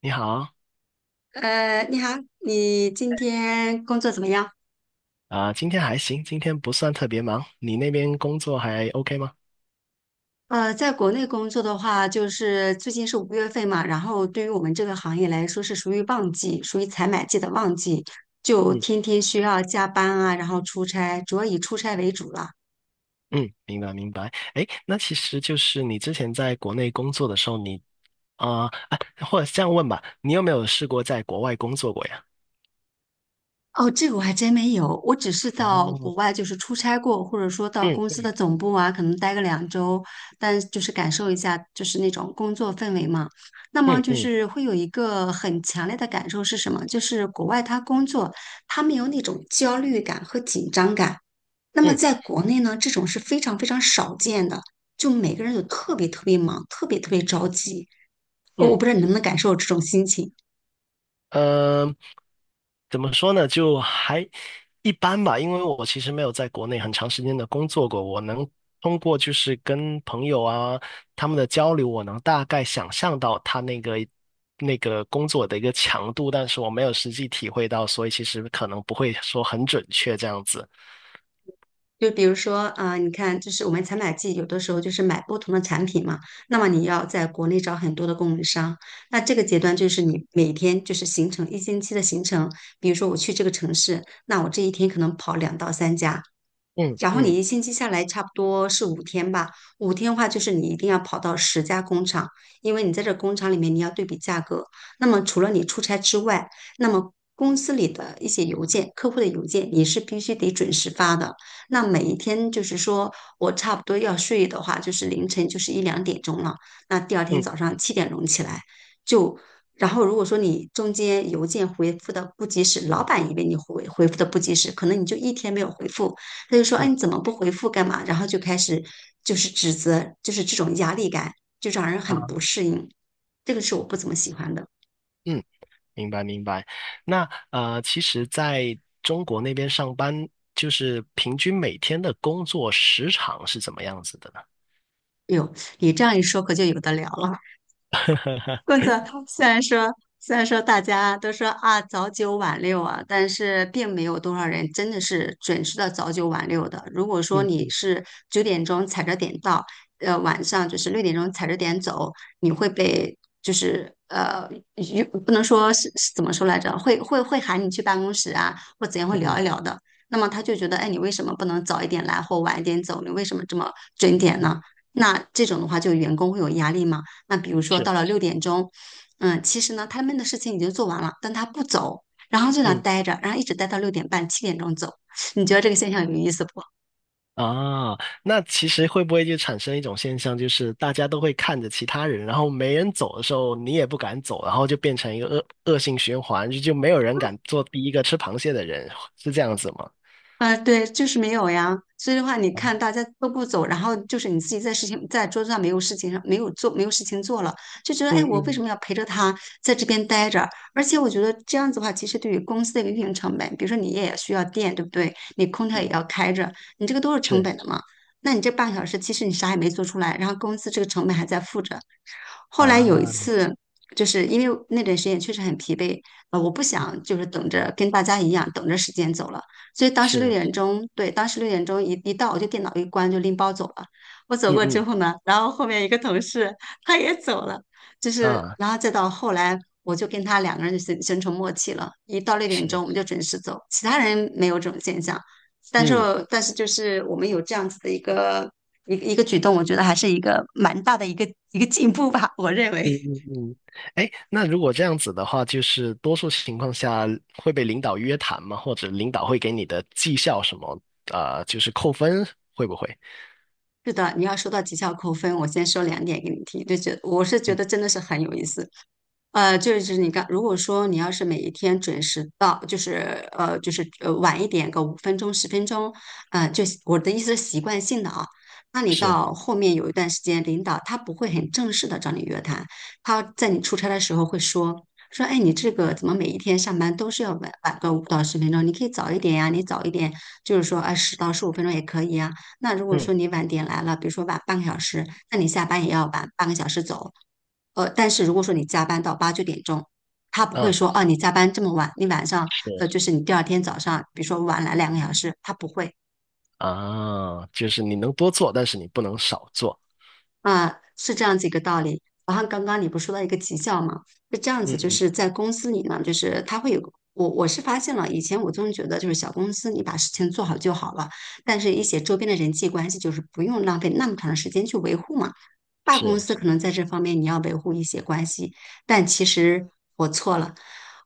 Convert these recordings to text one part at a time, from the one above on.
你好，你好。你今天工作怎么样？啊、今天还行，今天不算特别忙。你那边工作还 OK 吗？在国内工作的话，就是最近是五月份嘛，然后对于我们这个行业来说是属于旺季，属于采买季的旺季，就嗯天天需要加班啊，然后出差，主要以出差为主了。嗯，明白明白。哎，那其实就是你之前在国内工作的时候你，啊啊，或者这样问吧，你有没有试过在国外工作过呀？哦，这个我还真没有，我只是到国哦，外就是出差过，或者说到公司嗯的总部啊，可能待个2周，但就是感受一下就是那种工作氛围嘛。那么嗯就嗯是会有一个很强烈的感受是什么？就是国外他工作，他没有那种焦虑感和紧张感。那么嗯在国内呢，这种是非常非常少见的，就每个人都特别特别忙，特别特别着急。我嗯，不知道你能不能感受这种心情。嗯、怎么说呢？就还一般吧，因为我其实没有在国内很长时间的工作过，我能通过就是跟朋友啊他们的交流，我能大概想象到他那个工作的一个强度，但是我没有实际体会到，所以其实可能不会说很准确这样子。就比如说，你看，就是我们采买季有的时候就是买不同的产品嘛，那么你要在国内找很多的供应商，那这个阶段就是你每天就是形成一星期的行程，比如说我去这个城市，那我这一天可能跑两到三家，嗯然后你嗯一星期下来差不多是五天吧，五天的话就是你一定要跑到10家工厂，因为你在这工厂里面你要对比价格。那么除了你出差之外，那么公司里的一些邮件、客户的邮件你是必须得准时发的。那每一天就是说我差不多要睡的话，就是凌晨就是一两点钟了，那第二天嗯早上七点钟起来就。然后，如果说你中间邮件回复的不及时，老板以为你回复的不及时，可能你就一天没有回复，他就说：“哎，嗯你怎么不回复干嘛？”然后就开始就是指责，就是这种压力感，就让人很不啊适应。这个是我不怎么喜欢的。嗯。明白明白。那其实在中国那边上班，就是平均每天的工作时长是怎么样子的呢？哎呦，你这样一说，可就有的聊了。工作虽然说虽然说大家都说啊早九晚六啊，但是并没有多少人真的是准时的早九晚六的。如果说你嗯是九点钟踩着点到，晚上就是六点钟踩着点走，你会被就是不能说是怎么说来着，会喊你去办公室啊，或怎样会嗯嗯聊一聊的。那么他就觉得，哎，你为什么不能早一点来或晚一点走？你为什么这么准点嗯，呢？那这种的话，就员工会有压力吗？那比如说是，到了六点钟，嗯，其实呢他们的事情已经做完了，但他不走，然后就在那嗯待着，然后一直待到6点半、七点钟走。你觉得这个现象有意思不？啊，那其实会不会就产生一种现象，就是大家都会看着其他人，然后没人走的时候，你也不敢走，然后就变成一个恶性循环，就没有人敢做第一个吃螃蟹的人，是这样子吗？啊，对，就是没有呀。所以的话，你 啊，看大家都不走，然后就是你自己在事情在桌子上没有事情上没有做没有事情做了，就觉得嗯哎，我为什嗯么要陪着他在这边待着？而且我觉得这样子的话，其实对于公司的一个运营成本，比如说你也需要电，对不对？你空调也嗯，要开着，你这个都是成是本的嘛。那你这半小时其实你啥也没做出来，然后公司这个成本还在付着。后来有一啊，次，就是因为那段时间确实很疲惫，我不嗯想就是等着跟大家一样等着时间走了，所以当时六是，点钟，对，当时六点钟一到，我就电脑一关就拎包走了。我走过之嗯后呢，然后后面一个同事他也走了，就嗯是啊，然后再到后来，我就跟他两个人就形成默契了，一到六点是，钟我们就准时走，其他人没有这种现象。但是嗯。但是就是我们有这样子的一个举动，我觉得还是一个蛮大的一个进步吧，我认为。嗯嗯嗯，哎，那如果这样子的话，就是多数情况下会被领导约谈吗？或者领导会给你的绩效什么，就是扣分，会不会？是的，你要说到绩效扣分，我先说两点给你听，我是觉嗯，得真的是很有意思。就是你刚，如果说你要是每一天准时到，就是晚一点个五分钟、十分钟，就是我的意思是习惯性的啊。那你是，到后面有一段时间，领导他不会很正式的找你约谈，他在你出差的时候会说，哎，你这个怎么每一天上班都是要晚个五到十分钟？你可以早一点呀，你早一点就是说啊十到十五分钟也可以呀。那如果嗯说你晚点来了，比如说晚半个小时，那你下班也要晚半个小时走。但是如果说你加班到八九点钟，他不会嗯，说哦，你加班这么晚，你晚上是就是你第二天早上，比如说晚来2个小时，他不会。啊，就是你能多做，但是你不能少做。啊，是这样子一个道理。然后刚刚你不是说到一个绩效嘛，是这样嗯子，就嗯，是在公司里呢，就是他会有个我是发现了，以前我总觉得就是小公司你把事情做好就好了，但是一些周边的人际关系就是不用浪费那么长的时间去维护嘛。大公是，司可能在这方面你要维护一些关系，但其实我错了。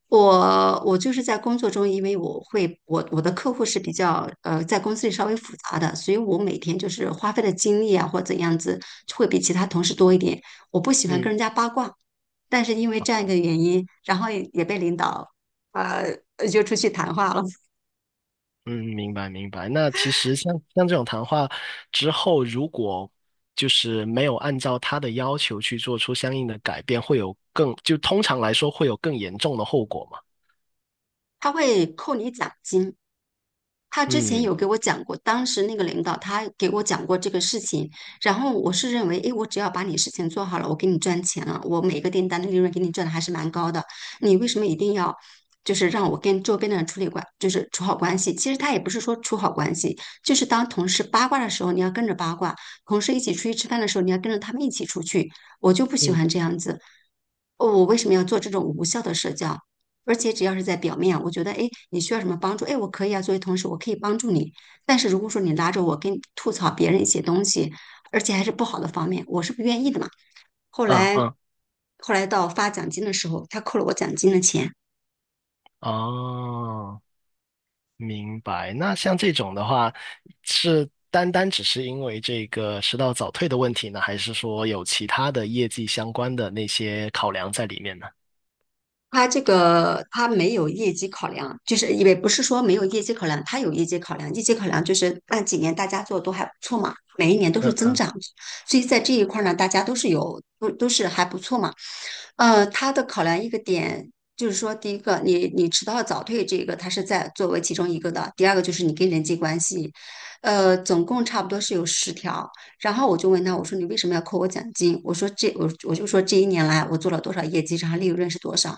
我就是在工作中，因为我会我我的客户是比较在公司里稍微复杂的，所以我每天就是花费的精力啊或怎样子会比其他同事多一点。我不喜欢跟嗯人家八卦，但是因为这样一个原因，然后也被领导呃约出去谈话了。嗯，明白明白。那其实像这种谈话之后，如果就是没有按照他的要求去做出相应的改变，会有就通常来说会有更严重的后果嘛？他会扣你奖金。他之前嗯有给我讲过，当时那个领导他给我讲过这个事情，然后我是认为，诶，我只要把你事情做好了，我给你赚钱了，我每个订单的利润给你赚的还是蛮高的，你为什么一定要就是让我跟周边的人处理关，就是处好关系？其实他也不是说处好关系，就是当同事八卦的时候，你要跟着八卦；同事一起出去吃饭的时候，你要跟着他们一起出去。我就不喜嗯欢这样子，哦我为什么要做这种无效的社交？而且只要是在表面，我觉得，哎，你需要什么帮助？哎，我可以啊，作为同事，我可以帮助你。但是如果说你拉着我跟吐槽别人一些东西，而且还是不好的方面，我是不愿意的嘛。后嗯来，嗯，后来到发奖金的时候，他扣了我奖金的钱。哦，明白。那像这种的话，是单单只是因为这个迟到早退的问题呢，还是说有其他的业绩相关的那些考量在里面呢？它这个它没有业绩考量，就是也不是说没有业绩考量，它有业绩考量。业绩考量就是那几年大家做的都还不错嘛，每一年都是嗯增长，所以在这一块儿呢，大家都是有都都是还不错嘛。它的考量一个点就是说，第一个你迟到早退这个它是在作为其中一个的，第二个就是你跟人际关系，总共差不多是有10条。然后我就问他，我说你为什么要扣我奖金？我说这我就说这一年来我做了多少业绩，然后利润是多少？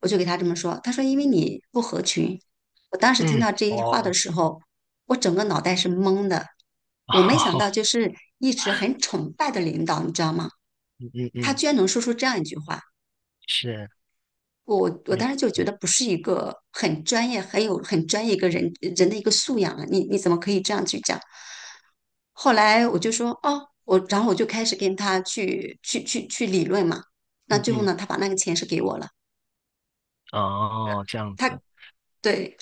我就给他这么说，他说因为你不合群。我当时听嗯，到这一话的哦，时候，我整个脑袋是懵的。我没 想哦，到就是一直很崇拜的领导，你知道吗？嗯他嗯，居然能说出这样一句话。是，我明，当时就觉得不是一个很专业、很专业一个人的一个素养啊，你怎么可以这样去讲？后来我就说哦，然后我就开始跟他去理论嘛。那嗯最后嗯，呢，他把那个钱是给我了。哦，这样他子，对，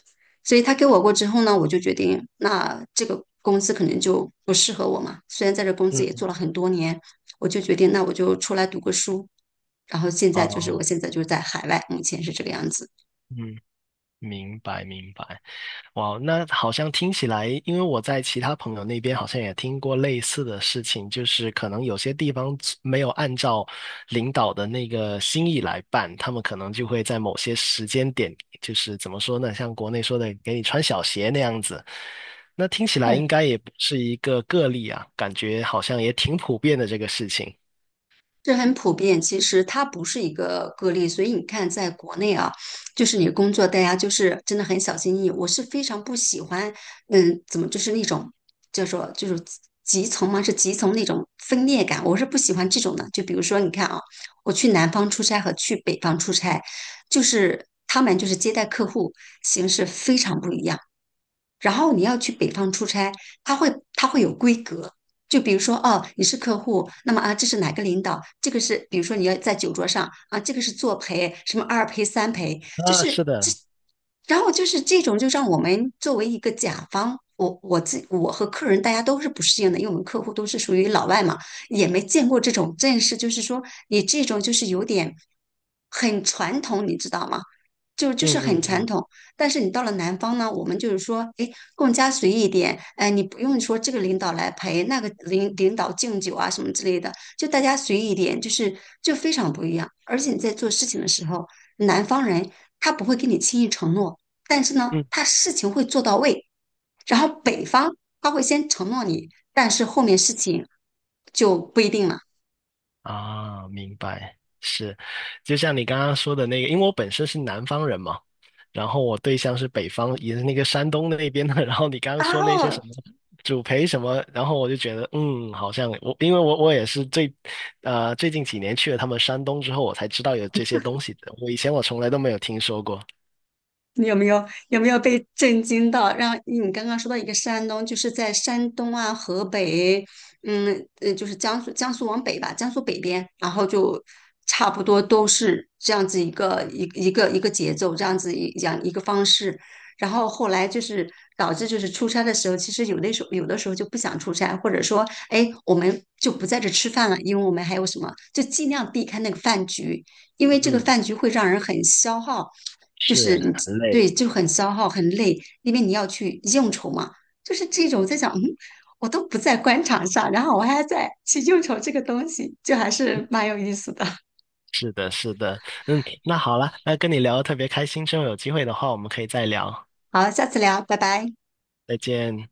所以他给我过之后呢，我就决定，那这个公司可能就不适合我嘛。虽然在这公司也嗯，做了很多年，我就决定，那我就出来读个书。然后现在就是，哦，我现在就是在海外，目前是这个样子。嗯，明白明白。哇，那好像听起来，因为我在其他朋友那边好像也听过类似的事情，就是可能有些地方没有按照领导的那个心意来办，他们可能就会在某些时间点，就是怎么说呢，像国内说的给你穿小鞋那样子。那听起来应该也不是一个个例啊，感觉好像也挺普遍的这个事情。这很普遍，其实它不是一个个例，所以你看，在国内啊，就是你工作，大家就是真的很小心翼翼。我是非常不喜欢，嗯，怎么就是那种叫做就是集从嘛，是集从那种分裂感，我是不喜欢这种的。就比如说，你看啊，我去南方出差和去北方出差，就是他们就是接待客户形式非常不一样。然后你要去北方出差，他会有规格，就比如说哦，你是客户，那么啊，这是哪个领导？这个是比如说你要在酒桌上啊，这个是作陪，什么二陪三陪，就啊，是是这，的，然后就是这种就让我们作为一个甲方。我和客人大家都是不适应的，因为我们客户都是属于老外嘛，也没见过这种阵势，就是说你这种就是有点很传统，你知道吗？就就嗯是很嗯传嗯统。但是你到了南方呢，我们就是说，哎，更加随意一点，哎，你不用说这个领导来陪，那个领导敬酒啊什么之类的，就大家随意一点，就非常不一样。而且你在做事情的时候，南方人他不会给你轻易承诺，但是呢，嗯。他事情会做到位。然后北方他会先承诺你，但是后面事情就不一定了。啊，明白，是，就像你刚刚说的那个，因为我本身是南方人嘛，然后我对象是北方，也是那个山东那边的，然后你刚刚然说那些后什么主陪什么，然后我就觉得，嗯，好像我，因为我也是最近几年去了他们山东之后，我才知道有这些东西的，我以前我从来都没有听说过。你有没有被震惊到？让你刚刚说到一个山东，就是在山东啊、河北，就是江苏往北吧，江苏北边，然后就差不多都是这样子一个一个节奏，这样子一样一个方式。然后后来就是导致就是出差的时候，其实有的时候就不想出差，或者说，哎，我们就不在这吃饭了，因为我们还有什么，就尽量避开那个饭局。因为这个嗯，饭局会让人很消耗，就是是，你很对累。就很消耗很累，因为你要去应酬嘛。就是这种在想，嗯，我都不在官场上，然后我还在去应酬这个东西，就还是蛮有意思的。是的，是的，嗯，那好了，那跟你聊得特别开心，之后有机会的话，我们可以再聊，好，下次聊，拜拜。再见。